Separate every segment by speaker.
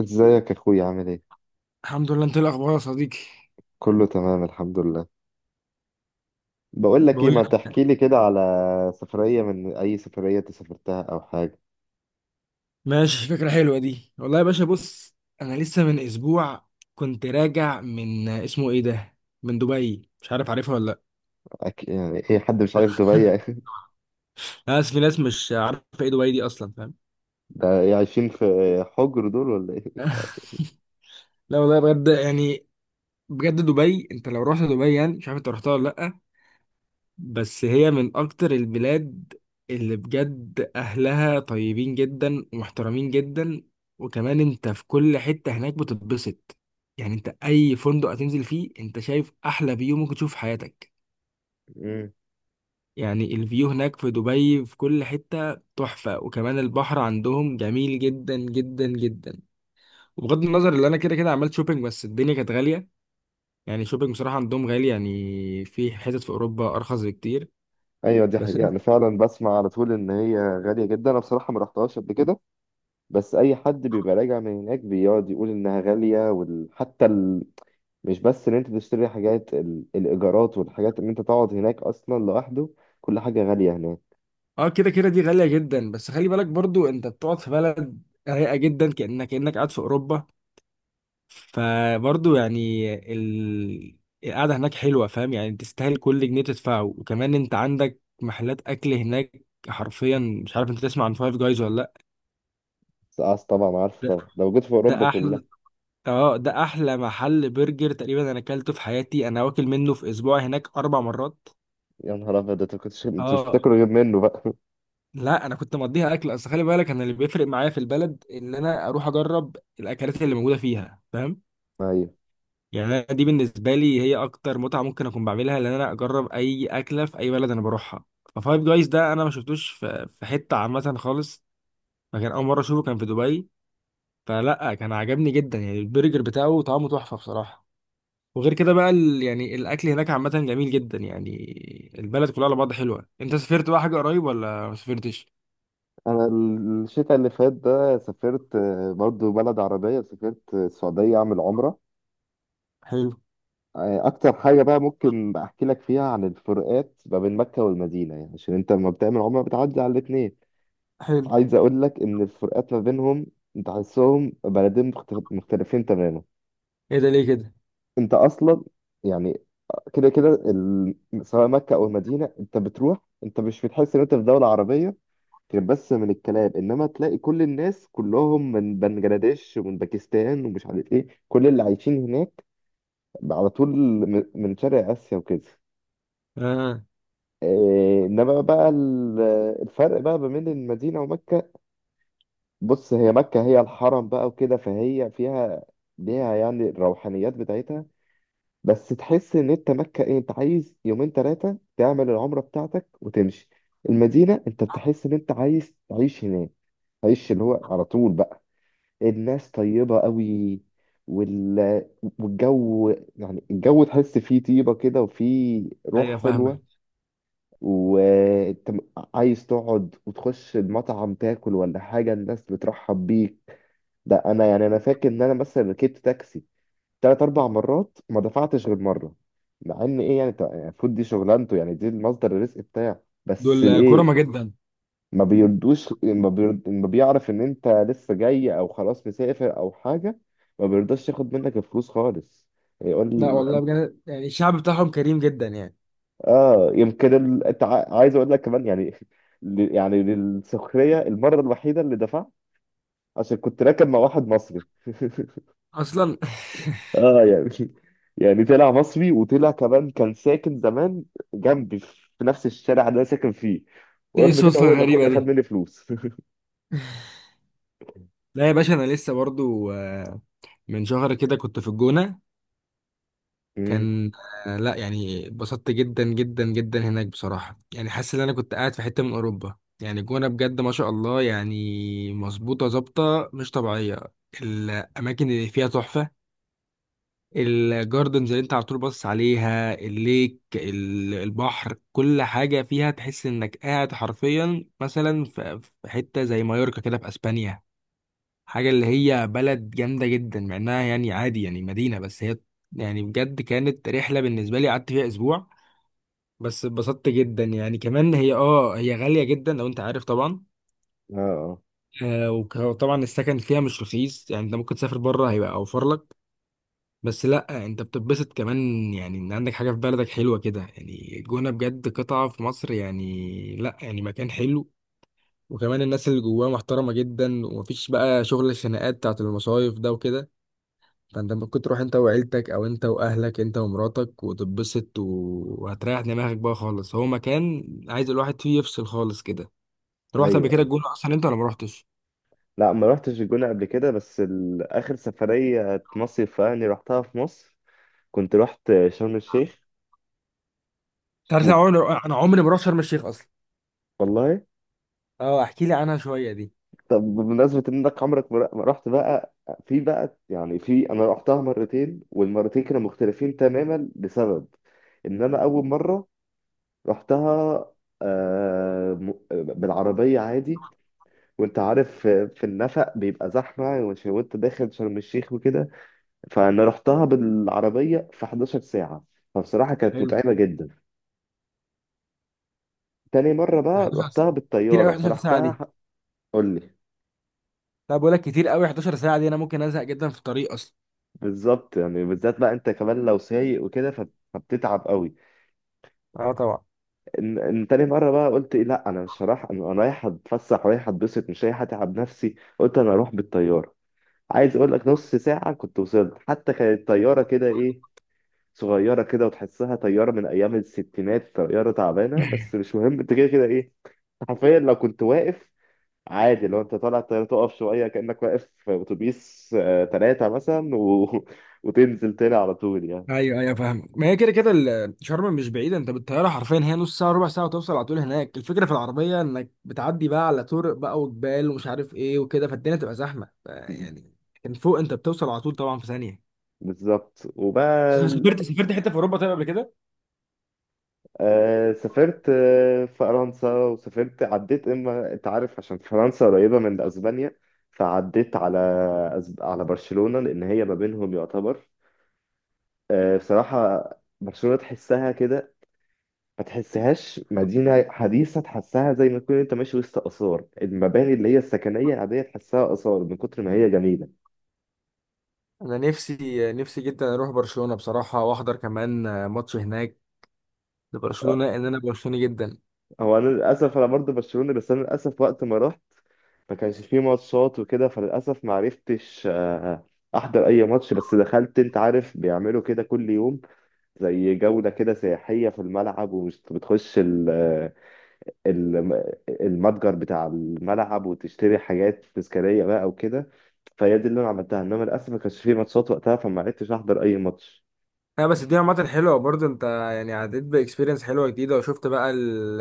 Speaker 1: ازيك يا اخويا، عامل ايه؟
Speaker 2: الحمد لله، انت ايه الاخبار يا صديقي؟
Speaker 1: كله تمام، الحمد لله. بقول لك ايه،
Speaker 2: بقول
Speaker 1: ما
Speaker 2: لك.
Speaker 1: تحكي لي كده على سفرية، من اي سفرية انت سافرتها او حاجة؟
Speaker 2: ماشي، فكره حلوه دي والله يا باشا. بص، انا لسه من اسبوع كنت راجع من اسمه ايه ده، من دبي. مش عارف عارفها ولا لا.
Speaker 1: يعني ايه، حد مش عارف دبي؟
Speaker 2: انا اسف، في ناس مش عارفه ايه دبي دي اصلا، فاهم؟
Speaker 1: ده إيه، عايشين في حجر دول ولا ايه؟
Speaker 2: لا والله، بجد يعني. بجد دبي، انت لو رحت دبي يعني مش عارف انت رحتها ولا لا. بس هي من اكتر البلاد اللي بجد اهلها طيبين جدا ومحترمين جدا، وكمان انت في كل حتة هناك بتتبسط. يعني انت اي فندق هتنزل فيه انت شايف احلى فيو ممكن تشوف في حياتك.
Speaker 1: مم.
Speaker 2: يعني الفيو هناك في دبي في كل حتة تحفة، وكمان البحر عندهم جميل جدا جدا جدا. وبغض النظر اللي انا كده كده عملت شوبينج، بس الدنيا كانت غالية. يعني شوبينج بصراحة عندهم غالي، يعني في حتت في اوروبا ارخص بكتير.
Speaker 1: ايوه، دي
Speaker 2: بس
Speaker 1: حقيقة. انا فعلا بسمع على طول ان هي غالية جدا. انا بصراحة ما رحتهاش قبل كده. بس اي حد بيبقى راجع من هناك بيقعد يقول انها غالية، حتى مش بس ان انت تشتري حاجات، الايجارات والحاجات ان انت تقعد هناك اصلا لوحده. كل حاجة غالية هناك.
Speaker 2: اه، كده كده دي غالية جدا، بس خلي بالك برضو انت بتقعد في بلد رايقة جدا، كأنك قاعد في أوروبا. فبرضو يعني القعدة هناك حلوة، فاهم؟ يعني تستاهل كل جنيه تدفعه. وكمان انت عندك محلات أكل هناك حرفيا. مش عارف انت تسمع عن فايف جايز ولا لأ؟
Speaker 1: سقعت طبعا، عارفه
Speaker 2: ده
Speaker 1: طبعا، ده موجود في اوروبا
Speaker 2: ده
Speaker 1: كلها.
Speaker 2: أحلى. اه، ده أحلى محل برجر تقريبا أنا أكلته في حياتي، أنا واكل منه في أسبوع هناك 4 مرات.
Speaker 1: يا نهار ابيض! انت كنتش انت مش
Speaker 2: اه،
Speaker 1: بتاكلوا غير منه بقى؟
Speaker 2: لا انا كنت مقضيها اكل. اصل خلي بالك انا اللي بيفرق معايا في البلد ان انا اروح اجرب الاكلات اللي موجوده فيها، فاهم؟
Speaker 1: ايوه.
Speaker 2: يعني أنا دي بالنسبه لي هي اكتر متعه ممكن اكون بعملها، لان انا اجرب اي اكله في اي بلد انا بروحها. ففايف جايز ده انا ما شفتوش في حته عامه خالص. فكان اول مره اشوفه كان في دبي. فلا، كان عجبني جدا. يعني البرجر بتاعه طعمه تحفه بصراحه. وغير كده بقى يعني الاكل هناك عامه جميل جدا يعني. البلد كلها على بعض حلوه. انت سافرت بقى حاجه قريب ولا ما سافرتش؟
Speaker 1: انا الشتاء اللي فات ده سافرت، برضو بلد عربيه، سافرت، السعوديه اعمل عمره.
Speaker 2: حلو.
Speaker 1: اكتر حاجه بقى ممكن احكي لك فيها عن الفروقات ما بين مكه والمدينه، يعني عشان انت لما بتعمل عمره بتعدي على الاثنين.
Speaker 2: حلو.
Speaker 1: عايز اقول لك ان الفروقات ما بينهم، تحسهم بلدين مختلفين تماما.
Speaker 2: ايه ده، ليه كده؟
Speaker 1: انت اصلا يعني كده كده سواء مكة أو المدينة أنت بتروح. أنت مش بتحس إن أنت في دولة عربية غير بس من الكلام، إنما تلاقي كل الناس كلهم من بنجلاديش ومن باكستان ومش عارف إيه، كل اللي عايشين هناك على طول من شرق آسيا وكده.
Speaker 2: اه،
Speaker 1: إيه، إنما بقى الفرق بقى ما بين المدينة ومكة. بص، هي مكة هي الحرم بقى وكده، فهي فيها، ليها يعني الروحانيات بتاعتها. بس تحس ان انت مكة ايه، انت عايز يومين ثلاثة تعمل العمرة بتاعتك وتمشي. المدينة انت بتحس ان انت عايز تعيش هناك، تعيش اللي هو على طول بقى. الناس طيبة قوي، وال... والجو يعني الجو تحس فيه طيبة كده وفيه
Speaker 2: ايوه،
Speaker 1: روح
Speaker 2: فاهمك.
Speaker 1: حلوة. وانت عايز تقعد وتخش المطعم تاكل ولا حاجة، الناس بترحب بيك. ده انا يعني انا فاكر ان انا مثلا ركبت تاكسي تلات أربع مرات، ما دفعتش غير مرة. مع إن إيه، يعني المفروض دي شغلانته، يعني دي المصدر الرزق بتاعه، بس
Speaker 2: دول كرمة
Speaker 1: إيه،
Speaker 2: جدا.
Speaker 1: ما بيرد، ما بيعرف إن أنت لسه جاي أو خلاص مسافر أو حاجة، ما بيرضاش ياخد منك الفلوس خالص. يقول.
Speaker 2: لا والله، بجد يعني الشعب بتاعهم كريم جدا يعني.
Speaker 1: آه، يمكن أنت عايز أقول لك كمان يعني، يعني للسخرية، المرة الوحيدة اللي دفعت عشان كنت راكب مع واحد مصري.
Speaker 2: اصلا.
Speaker 1: اه، يعني يعني طلع مصري، وطلع كمان كان ساكن زمان جنبي في نفس الشارع اللي انا ساكن فيه.
Speaker 2: ده ايه
Speaker 1: ورغم كده
Speaker 2: الصدفة
Speaker 1: هو الوحيد
Speaker 2: الغريبة
Speaker 1: اللي خد
Speaker 2: دي؟
Speaker 1: مني فلوس.
Speaker 2: لا يا باشا، انا لسه برضو من شهر كده كنت في الجونة.
Speaker 1: مم.
Speaker 2: كان لا يعني اتبسطت جدا جدا جدا هناك بصراحة. يعني حاسس ان انا كنت قاعد في حتة من اوروبا. يعني الجونة بجد ما شاء الله يعني. مظبوطة ظابطة مش طبيعية. الاماكن اللي فيها تحفة. الجاردنز اللي انت على طول باصص عليها، الليك، البحر، كل حاجة فيها تحس انك قاعد حرفيا مثلا في حتة زي مايوركا كده في اسبانيا. حاجة اللي هي بلد جامدة جدا، مع انها يعني عادي يعني مدينة بس هي. يعني بجد كانت رحلة بالنسبة لي، قعدت فيها اسبوع بس اتبسطت جدا. يعني كمان هي غالية جدا لو انت عارف طبعا.
Speaker 1: اه، اه.
Speaker 2: وطبعا السكن فيها مش رخيص. يعني انت ممكن تسافر بره هيبقى اوفر لك. بس لا، انت بتتبسط كمان. يعني ان عندك حاجه في بلدك حلوه كده. يعني الجونه بجد قطعه في مصر. يعني لا، يعني مكان حلو. وكمان الناس اللي جواه محترمه جدا ومفيش بقى شغل الخناقات بتاعت المصايف ده وكده. فانت ممكن تروح انت وعيلتك او انت واهلك انت ومراتك وتتبسط، و- وهتريح دماغك بقى خالص. هو مكان عايز الواحد فيه يفصل خالص كده. رحت قبل
Speaker 1: ايوه،
Speaker 2: كده
Speaker 1: ايوه.
Speaker 2: الجونه اصلا انت ولا ما رحتش؟
Speaker 1: لا، ما رحتش الجونة قبل كده، بس اخر سفرية مصيف يعني رحتها في مصر، كنت رحت شرم الشيخ.
Speaker 2: انت عارف انا
Speaker 1: وب...
Speaker 2: عمري انا عمري ما رحت شرم الشيخ اصلا.
Speaker 1: والله.
Speaker 2: اه، احكي لي عنها شويه دي.
Speaker 1: طب، بمناسبة انك عمرك ما رحت بقى، في بقى يعني في، انا رحتها مرتين والمرتين كانوا مختلفين تماما، لسبب ان انا اول مرة رحتها، بالعربية عادي. وانت عارف في النفق بيبقى زحمة، وانت داخل شرم الشيخ وكده، فانا رحتها بالعربية في 11 ساعة، فبصراحة كانت
Speaker 2: حلو.
Speaker 1: متعبة جدا. تاني مرة بقى
Speaker 2: 11
Speaker 1: رحتها
Speaker 2: ساعة؟ كتير قوي
Speaker 1: بالطيارة،
Speaker 2: 11 ساعه
Speaker 1: فرحتها
Speaker 2: دي.
Speaker 1: قول لي.
Speaker 2: لا، بقول لك كتير قوي 11 ساعه دي، انا ممكن ازهق جدا في الطريق اصلا.
Speaker 1: بالظبط، يعني بالذات بقى انت كمان لو سايق وكده، فبتتعب قوي.
Speaker 2: اه طبعا.
Speaker 1: ان تاني مرة بقى قلت إيه، لا انا مش هروح، انا رايح اتفسح، رايح اتبسط، مش رايح اتعب نفسي، قلت انا اروح بالطيارة. عايز اقول لك نص ساعة كنت وصلت، حتى كانت طيارة كده ايه، صغيرة كده، وتحسها طيارة من ايام الستينات، طيارة تعبانة، بس مش مهم، انت كده كده ايه، حرفيا لو كنت واقف عادي، لو انت طالع الطيارة تقف شوية كأنك واقف في اتوبيس، تلاتة مثلا، وتنزل تاني على طول يعني.
Speaker 2: ايوه، ايوه، فاهمك. ما هي كده كده شرم مش بعيده. انت بالطياره حرفيا هي نص ساعه ربع ساعه وتوصل على طول هناك. الفكره في العربيه انك بتعدي بقى على طرق بقى وجبال ومش عارف ايه وكده، فالدنيا تبقى زحمه، يعني كان فوق انت بتوصل على طول طبعا في ثانيه.
Speaker 1: بالظبط، وبقى
Speaker 2: سافرت حته في اوروبا طيب قبل كده؟
Speaker 1: سافرت، فرنسا، وسافرت عديت، اما انت عارف عشان فرنسا قريبة من اسبانيا، فعديت على برشلونة، لان هي ما بينهم يعتبر، بصراحة برشلونة تحسها كده، ما تحسهاش مدينة حديثة، تحسها زي ما تكون انت ماشي وسط آثار، المباني اللي هي السكنية العادية تحسها آثار من كتر ما هي جميلة.
Speaker 2: انا نفسي نفسي جدا اروح برشلونة بصراحة، واحضر كمان ماتش هناك لبرشلونة، ان انا برشلوني جدا.
Speaker 1: هو انا للاسف انا برضه برشلونة، بس انا للاسف وقت ما رحت ما كانش فيه ماتشات وكده، فللأسف ما عرفتش أحضر أي ماتش، بس دخلت، أنت عارف بيعملوا كده كل يوم زي جولة كده سياحية في الملعب، ومش بتخش ال- المتجر بتاع الملعب وتشتري حاجات تذكارية بقى وكده. فهي دي اللي أنا عملتها، إنما للأسف ما كانش فيه ماتشات وقتها، فما عرفتش أحضر أي ماتش.
Speaker 2: لا بس دي عامة حلوة برضه. انت يعني عديت بإكسبيرينس حلوة جديدة وشفت بقى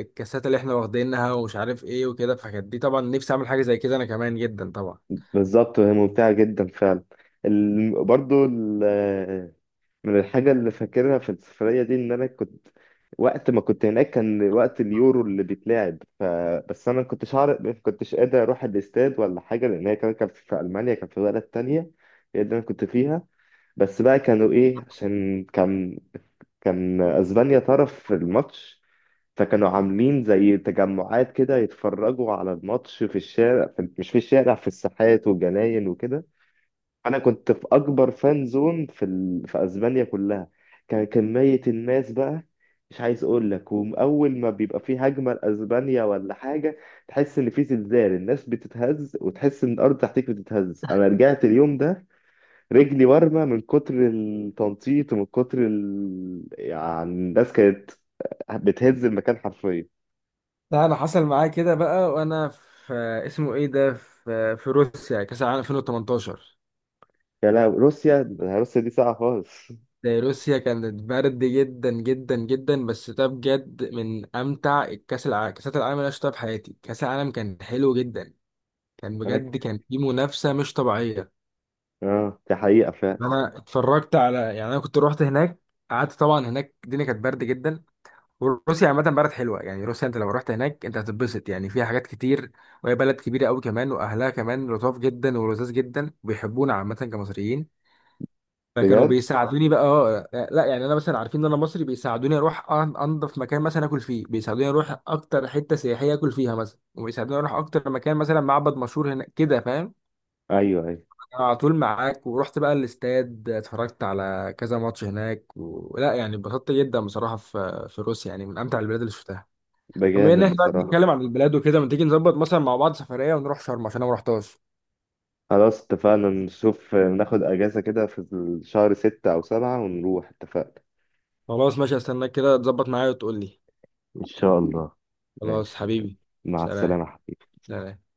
Speaker 2: الكاسات اللي احنا واخدينها ومش عارف ايه وكده، فكانت دي طبعا نفسي اعمل حاجة زي كده انا كمان جدا طبعا.
Speaker 1: بالظبط، وهي ممتعة جدا فعلا. برضو من الحاجة اللي فاكرها في السفرية دي، إن أنا كنت وقت ما كنت هناك كان وقت اليورو اللي بيتلعب. بس أنا ما كنتش عارف، ما كنتش قادر أروح الاستاد ولا حاجة، لأن هي كمان كانت في ألمانيا، كانت في بلد تانية، هي اللي أنا كنت فيها. بس بقى كانوا إيه، عشان كان، كان أسبانيا طرف في الماتش، فكانوا عاملين زي تجمعات كده يتفرجوا على الماتش في الشارع، مش في الشارع، في الساحات والجناين وكده. انا كنت في اكبر فان زون في اسبانيا كلها. كان كميه الناس بقى مش عايز اقول لك، واول ما بيبقى في هجمه لاسبانيا ولا حاجه تحس ان في زلزال، الناس بتتهز وتحس ان الارض تحتك بتتهز. انا رجعت اليوم ده رجلي ورمه من كتر التنطيط ومن كتر يعني الناس كانت بتهز المكان حرفيا.
Speaker 2: لا، انا حصل معايا كده بقى وانا في اسمه ايه ده في روسيا كأس العالم 2018.
Speaker 1: يا لا، روسيا، روسيا دي ساعه خالص.
Speaker 2: ده روسيا كانت برد جدا جدا جدا، بس ده بجد من امتع الكاس العالم كاسات العالم اللي انا شفتها في حياتي. كاس العالم كان حلو جدا. كان
Speaker 1: انا
Speaker 2: بجد
Speaker 1: ك-
Speaker 2: كان في منافسة مش طبيعية.
Speaker 1: اه، دي حقيقه فعلا.
Speaker 2: انا اتفرجت على، يعني انا كنت روحت هناك. قعدت طبعا هناك، الدنيا كانت برد جدا. وروسيا عامه بلد حلوه. يعني روسيا انت لو رحت هناك انت هتتبسط، يعني فيها حاجات كتير. وهي بلد كبيره قوي كمان، واهلها كمان لطاف جدا ولذاذ جدا وبيحبونا عامه كمصريين. فكانوا
Speaker 1: بجد.
Speaker 2: بيساعدوني بقى لا يعني انا مثلا عارفين ان انا مصري بيساعدوني اروح انضف مكان مثلا اكل فيه، بيساعدوني اروح اكتر حته سياحيه اكل فيها مثلا، وبيساعدوني اروح اكتر مكان مثلا معبد مشهور هناك كده فاهم.
Speaker 1: ايوه، ايوه.
Speaker 2: على طول معاك. ورحت بقى الاستاد اتفرجت على كذا ماتش هناك، ولا يعني اتبسطت جدا بصراحة في روسيا. يعني من أمتع البلاد اللي شفتها.
Speaker 1: ده
Speaker 2: طب بما
Speaker 1: جامد
Speaker 2: ان احنا بقى
Speaker 1: بصراحه.
Speaker 2: بنتكلم عن البلاد وكده، ما تيجي نظبط مثلا مع بعض سفرية ونروح شرم عشان انا ما رحتهاش؟
Speaker 1: خلاص، اتفقنا، نشوف ناخد اجازة كده في شهر ستة او سبعة ونروح. اتفقنا.
Speaker 2: خلاص ماشي، استناك كده تظبط معايا وتقول لي.
Speaker 1: إن شاء الله.
Speaker 2: خلاص
Speaker 1: ماشي.
Speaker 2: حبيبي.
Speaker 1: مع
Speaker 2: سلام.
Speaker 1: السلامة.
Speaker 2: سلام.